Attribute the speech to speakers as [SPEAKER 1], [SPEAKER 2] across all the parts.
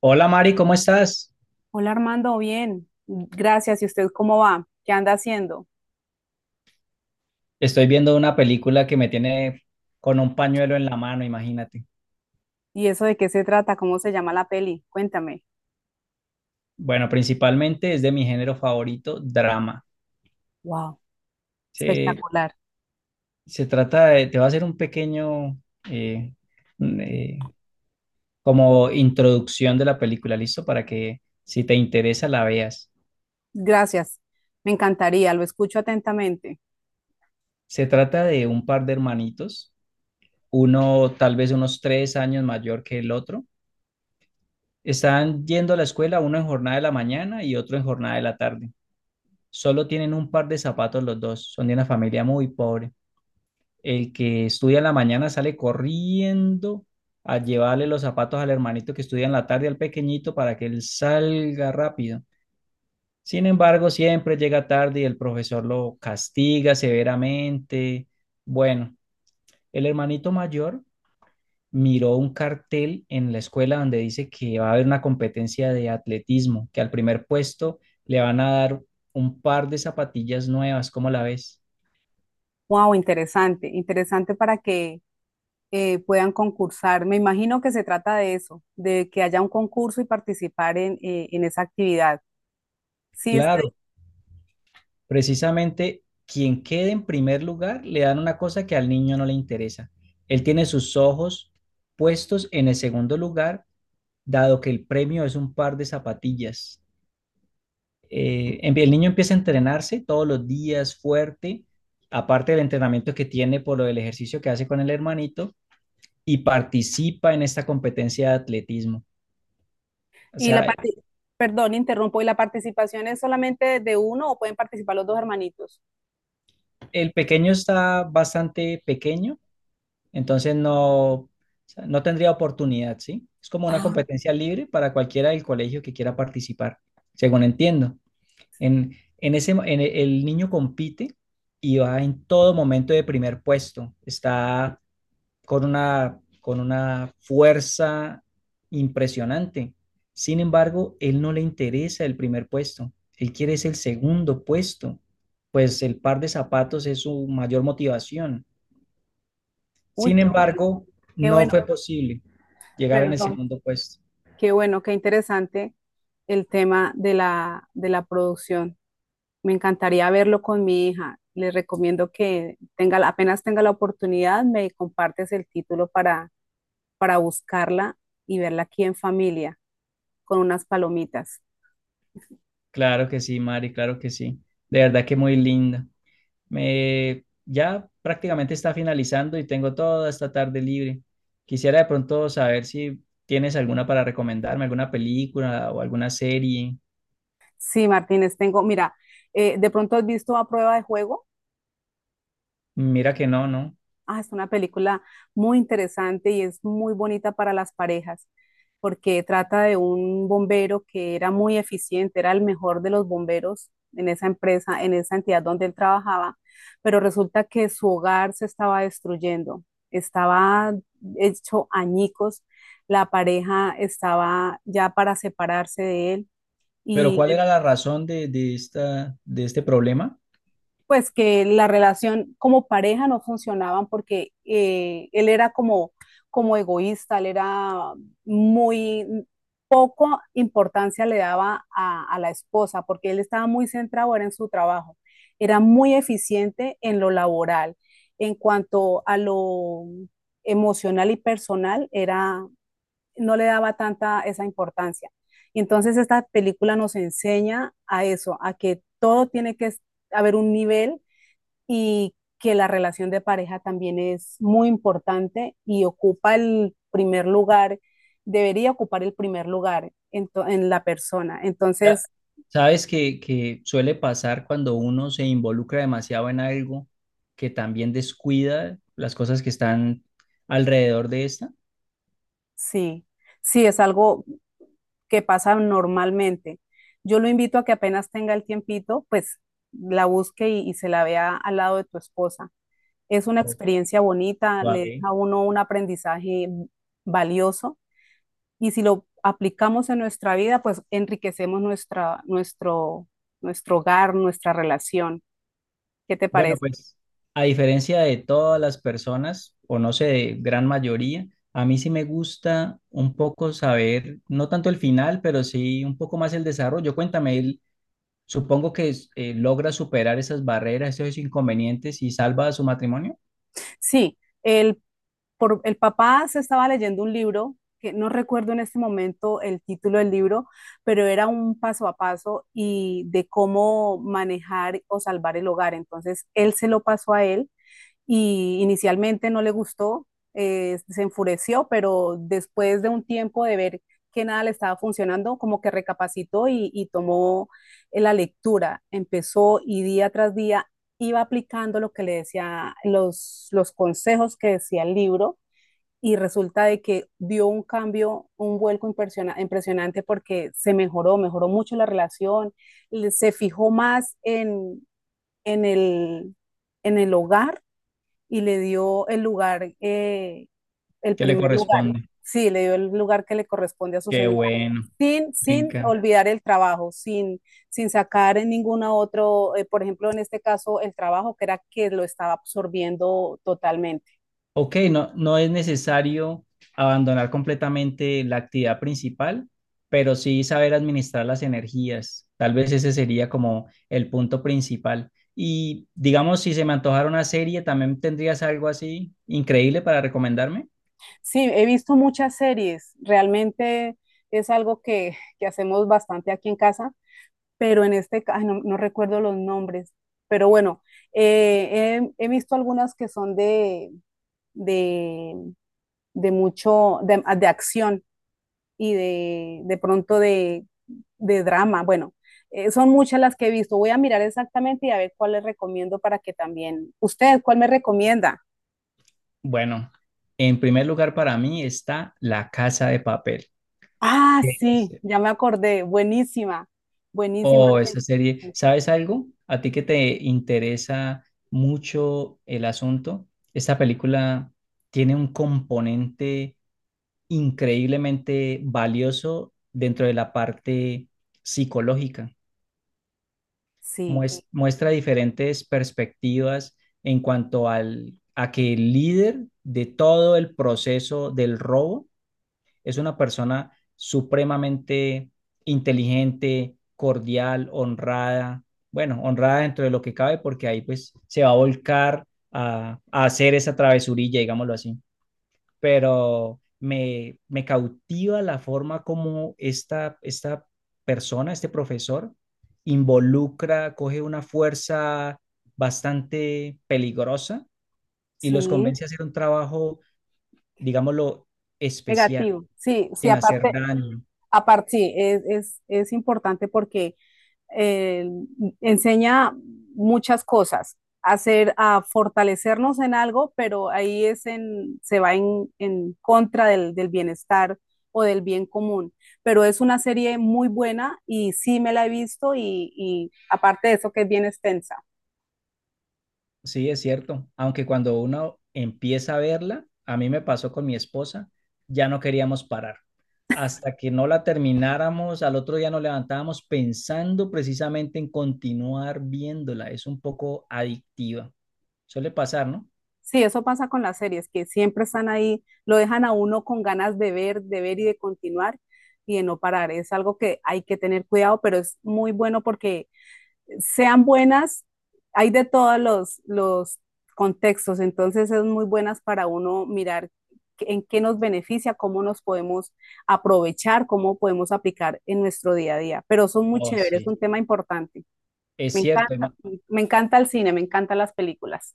[SPEAKER 1] Hola Mari, ¿cómo estás?
[SPEAKER 2] Hola Armando, bien. Gracias. ¿Y usted cómo va? ¿Qué anda haciendo?
[SPEAKER 1] Estoy viendo una película que me tiene con un pañuelo en la mano, imagínate.
[SPEAKER 2] ¿Y eso de qué se trata? ¿Cómo se llama la peli? Cuéntame.
[SPEAKER 1] Bueno, principalmente es de mi género favorito, drama.
[SPEAKER 2] Wow,
[SPEAKER 1] Se,
[SPEAKER 2] espectacular.
[SPEAKER 1] se trata de, te voy a hacer un pequeño, eh, un, como introducción de la película, ¿listo? Para que si te interesa la veas.
[SPEAKER 2] Gracias. Me encantaría, lo escucho atentamente.
[SPEAKER 1] Se trata de un par de hermanitos, uno tal vez unos 3 años mayor que el otro. Están yendo a la escuela, uno en jornada de la mañana y otro en jornada de la tarde. Solo tienen un par de zapatos los dos, son de una familia muy pobre. El que estudia en la mañana sale corriendo a llevarle los zapatos al hermanito que estudia en la tarde, al pequeñito, para que él salga rápido. Sin embargo, siempre llega tarde y el profesor lo castiga severamente. Bueno, el hermanito mayor miró un cartel en la escuela donde dice que va a haber una competencia de atletismo, que al primer puesto le van a dar un par de zapatillas nuevas, ¿cómo la ves?
[SPEAKER 2] Wow, interesante, interesante para que puedan concursar. Me imagino que se trata de eso, de que haya un concurso y participar en esa actividad. Sí, estoy.
[SPEAKER 1] Claro, precisamente quien quede en primer lugar le dan una cosa que al niño no le interesa. Él tiene sus ojos puestos en el segundo lugar, dado que el premio es un par de zapatillas. El niño empieza a entrenarse todos los días fuerte, aparte del entrenamiento que tiene por lo del ejercicio que hace con el hermanito, y participa en esta competencia de atletismo. O
[SPEAKER 2] Y la
[SPEAKER 1] sea,
[SPEAKER 2] parte, perdón, interrumpo. ¿Y la participación es solamente de uno o pueden participar los dos hermanitos?
[SPEAKER 1] el pequeño está bastante pequeño. Entonces no, o sea, no tendría oportunidad, ¿sí? Es como una
[SPEAKER 2] Ah,
[SPEAKER 1] competencia libre para cualquiera del colegio que quiera participar, según entiendo. En, en ese, el niño compite y va en todo momento de primer puesto. Está con una fuerza impresionante. Sin embargo, él no le interesa el primer puesto. Él quiere es el segundo puesto, pues el par de zapatos es su mayor motivación.
[SPEAKER 2] uy,
[SPEAKER 1] Sin
[SPEAKER 2] qué bueno,
[SPEAKER 1] embargo,
[SPEAKER 2] qué
[SPEAKER 1] no
[SPEAKER 2] bueno.
[SPEAKER 1] fue posible llegar en el
[SPEAKER 2] Perdón,
[SPEAKER 1] segundo puesto.
[SPEAKER 2] qué bueno, qué interesante el tema de de la producción. Me encantaría verlo con mi hija. Le recomiendo que tenga, apenas tenga la oportunidad, me compartes el título para buscarla y verla aquí en familia con unas palomitas.
[SPEAKER 1] Claro que sí, Mari, claro que sí. De verdad que muy linda. Me, ya prácticamente está finalizando y tengo toda esta tarde libre. Quisiera de pronto saber si tienes alguna para recomendarme, alguna película o alguna serie.
[SPEAKER 2] Sí, Martínez, tengo, mira, ¿de pronto has visto A Prueba de Juego?
[SPEAKER 1] Mira que no, ¿no?
[SPEAKER 2] Ah, es una película muy interesante y es muy bonita para las parejas, porque trata de un bombero que era muy eficiente, era el mejor de los bomberos en esa empresa, en esa entidad donde él trabajaba, pero resulta que su hogar se estaba destruyendo, estaba hecho añicos, la pareja estaba ya para separarse de él
[SPEAKER 1] Pero
[SPEAKER 2] y
[SPEAKER 1] ¿cuál era la razón de esta, de este problema?
[SPEAKER 2] pues que la relación como pareja no funcionaban porque él era como, como egoísta, él era muy poco importancia le daba a la esposa porque él estaba muy centrado era en su trabajo, era muy eficiente en lo laboral, en cuanto a lo emocional y personal era no le daba tanta esa importancia. Y entonces esta película nos enseña a eso, a que todo tiene que haber un nivel y que la relación de pareja también es muy importante y ocupa el primer lugar, debería ocupar el primer lugar en, en la persona.
[SPEAKER 1] Ya,
[SPEAKER 2] Entonces,
[SPEAKER 1] sabes que suele pasar cuando uno se involucra demasiado en algo que también descuida las cosas que están alrededor de esta.
[SPEAKER 2] sí, sí, es algo que pasa normalmente. Yo lo invito a que apenas tenga el tiempito, pues la busque y se la vea al lado de tu esposa. Es una
[SPEAKER 1] O-
[SPEAKER 2] experiencia bonita, le
[SPEAKER 1] Vale.
[SPEAKER 2] deja a uno un aprendizaje valioso. Y si lo aplicamos en nuestra vida, pues enriquecemos nuestro hogar, nuestra relación. ¿Qué te
[SPEAKER 1] Bueno,
[SPEAKER 2] parece?
[SPEAKER 1] pues a diferencia de todas las personas, o no sé, de gran mayoría, a mí sí me gusta un poco saber, no tanto el final, pero sí un poco más el desarrollo. Cuéntame, él, supongo que logra superar esas barreras, esos inconvenientes y salva a su matrimonio.
[SPEAKER 2] Sí, por, el papá se estaba leyendo un libro, que no recuerdo en este momento el título del libro, pero era un paso a paso y de cómo manejar o salvar el hogar. Entonces, él se lo pasó a él y inicialmente no le gustó, se enfureció, pero después de un tiempo de ver que nada le estaba funcionando, como que recapacitó y tomó la lectura, empezó y día tras día iba aplicando lo que le decía, los consejos que decía el libro y resulta de que dio un cambio, un vuelco impresionante porque se mejoró, mejoró mucho la relación, se fijó más en el, en el hogar y le dio el lugar, el
[SPEAKER 1] ¿Qué le
[SPEAKER 2] primer lugar.
[SPEAKER 1] corresponde?
[SPEAKER 2] Sí, le dio el lugar que le corresponde a su
[SPEAKER 1] Qué
[SPEAKER 2] señora,
[SPEAKER 1] bueno. Me
[SPEAKER 2] sin
[SPEAKER 1] encanta.
[SPEAKER 2] olvidar el trabajo, sin, sin sacar en ningún otro, por ejemplo, en este caso, el trabajo que era que lo estaba absorbiendo totalmente.
[SPEAKER 1] Ok, no, no es necesario abandonar completamente la actividad principal, pero sí saber administrar las energías. Tal vez ese sería como el punto principal. Y digamos, si se me antojara una serie, ¿también tendrías algo así increíble para recomendarme?
[SPEAKER 2] Sí, he visto muchas series, realmente es algo que hacemos bastante aquí en casa, pero en este caso, no, no recuerdo los nombres, pero bueno, he visto algunas que son de, de de mucho, de acción y de pronto de drama. Bueno, son muchas las que he visto. Voy a mirar exactamente y a ver cuál les recomiendo para que también. ¿Usted cuál me recomienda?
[SPEAKER 1] Bueno, en primer lugar para mí está La Casa de Papel.
[SPEAKER 2] Ah, sí,
[SPEAKER 1] Ok.
[SPEAKER 2] ya me acordé. Buenísima, buenísima.
[SPEAKER 1] Oh, esa serie, ¿sabes algo? A ti que te interesa mucho el asunto, esta película tiene un componente increíblemente valioso dentro de la parte psicológica.
[SPEAKER 2] Sí,
[SPEAKER 1] Muestra diferentes perspectivas en cuanto al, a que el líder de todo el proceso del robo es una persona supremamente inteligente, cordial, honrada, bueno, honrada dentro de lo que cabe porque ahí pues se va a volcar a hacer esa travesurilla, digámoslo así, pero me cautiva la forma como esta persona, este profesor, involucra, coge una fuerza bastante peligrosa y los
[SPEAKER 2] sí,
[SPEAKER 1] convence a hacer un trabajo, digámoslo, especial,
[SPEAKER 2] negativo. Sí, sí,
[SPEAKER 1] sin hacer
[SPEAKER 2] aparte,
[SPEAKER 1] daño.
[SPEAKER 2] aparte, sí, es importante porque eh, enseña muchas cosas, hacer, a fortalecernos en algo, pero ahí es en, se va en contra del bienestar o del bien común. Pero es una serie muy buena y sí me la he visto aparte de eso que es bien extensa.
[SPEAKER 1] Sí, es cierto. Aunque cuando uno empieza a verla, a mí me pasó con mi esposa, ya no queríamos parar. Hasta que no la termináramos, al otro día nos levantábamos pensando precisamente en continuar viéndola. Es un poco adictiva. Suele pasar, ¿no?
[SPEAKER 2] Sí, eso pasa con las series, que siempre están ahí, lo dejan a uno con ganas de ver y de continuar y de no parar. Es algo que hay que tener cuidado, pero es muy bueno porque sean buenas, hay de todos los contextos, entonces es muy buenas para uno mirar en qué nos beneficia, cómo nos podemos aprovechar, cómo podemos aplicar en nuestro día a día. Pero son muy
[SPEAKER 1] Oh,
[SPEAKER 2] chéveres, es
[SPEAKER 1] sí.
[SPEAKER 2] un tema importante.
[SPEAKER 1] Es
[SPEAKER 2] Me
[SPEAKER 1] cierto.
[SPEAKER 2] encanta,
[SPEAKER 1] Emma.
[SPEAKER 2] me encanta el cine, me encantan las películas.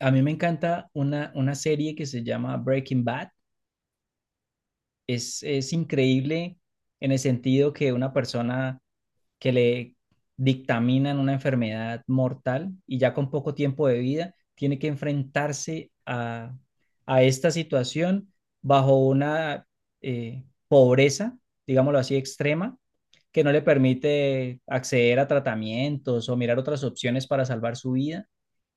[SPEAKER 1] A mí me encanta una serie que se llama Breaking Bad. Es increíble en el sentido que una persona que le dictaminan una enfermedad mortal y ya con poco tiempo de vida tiene que enfrentarse a esta situación bajo una pobreza, digámoslo así, extrema, que no le permite acceder a tratamientos o mirar otras opciones para salvar su vida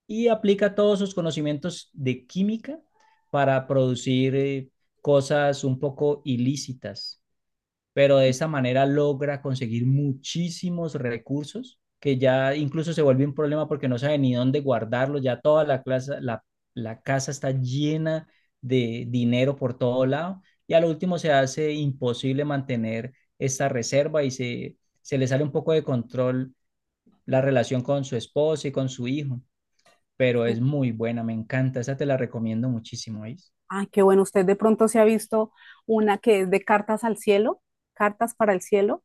[SPEAKER 1] y aplica todos sus conocimientos de química para producir cosas un poco ilícitas, pero de esta manera logra conseguir muchísimos recursos que ya incluso se vuelve un problema porque no sabe ni dónde guardarlos, ya toda la, clase, la casa está llena de dinero por todo lado y a lo último se hace imposible mantener esta reserva y se le sale un poco de control la relación con su esposa y con su hijo, pero es muy buena, me encanta, esa te la recomiendo muchísimo, ¿eh?
[SPEAKER 2] Ay, qué bueno, usted de pronto se ha visto una que es de Cartas al Cielo, Cartas para el Cielo.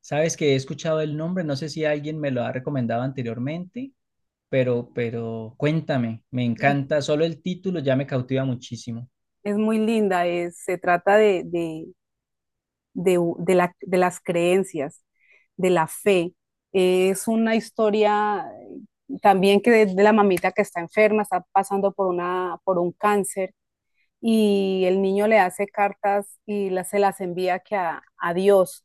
[SPEAKER 1] Sabes que he escuchado el nombre, no sé si alguien me lo ha recomendado anteriormente, pero cuéntame, me encanta, solo el título ya me cautiva muchísimo.
[SPEAKER 2] Es muy linda, se trata la, de las creencias, de la fe. Es una historia también que la mamita que está enferma, está pasando por, una, por un cáncer y el niño le hace cartas se las envía que Dios.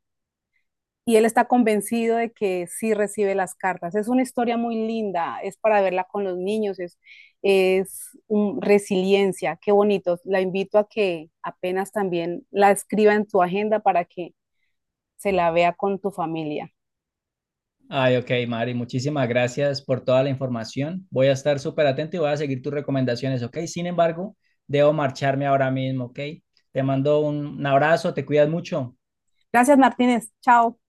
[SPEAKER 2] Y él está convencido de que sí recibe las cartas. Es una historia muy linda, es para verla con los niños, es un, resiliencia, qué bonito. La invito a que apenas también la escriba en tu agenda para que se la vea con tu familia.
[SPEAKER 1] Ay, ok, Mari, muchísimas gracias por toda la información. Voy a estar súper atento y voy a seguir tus recomendaciones, ok. Sin embargo, debo marcharme ahora mismo, ok. Te mando un abrazo, te cuidas mucho.
[SPEAKER 2] Gracias, Martínez. Chao.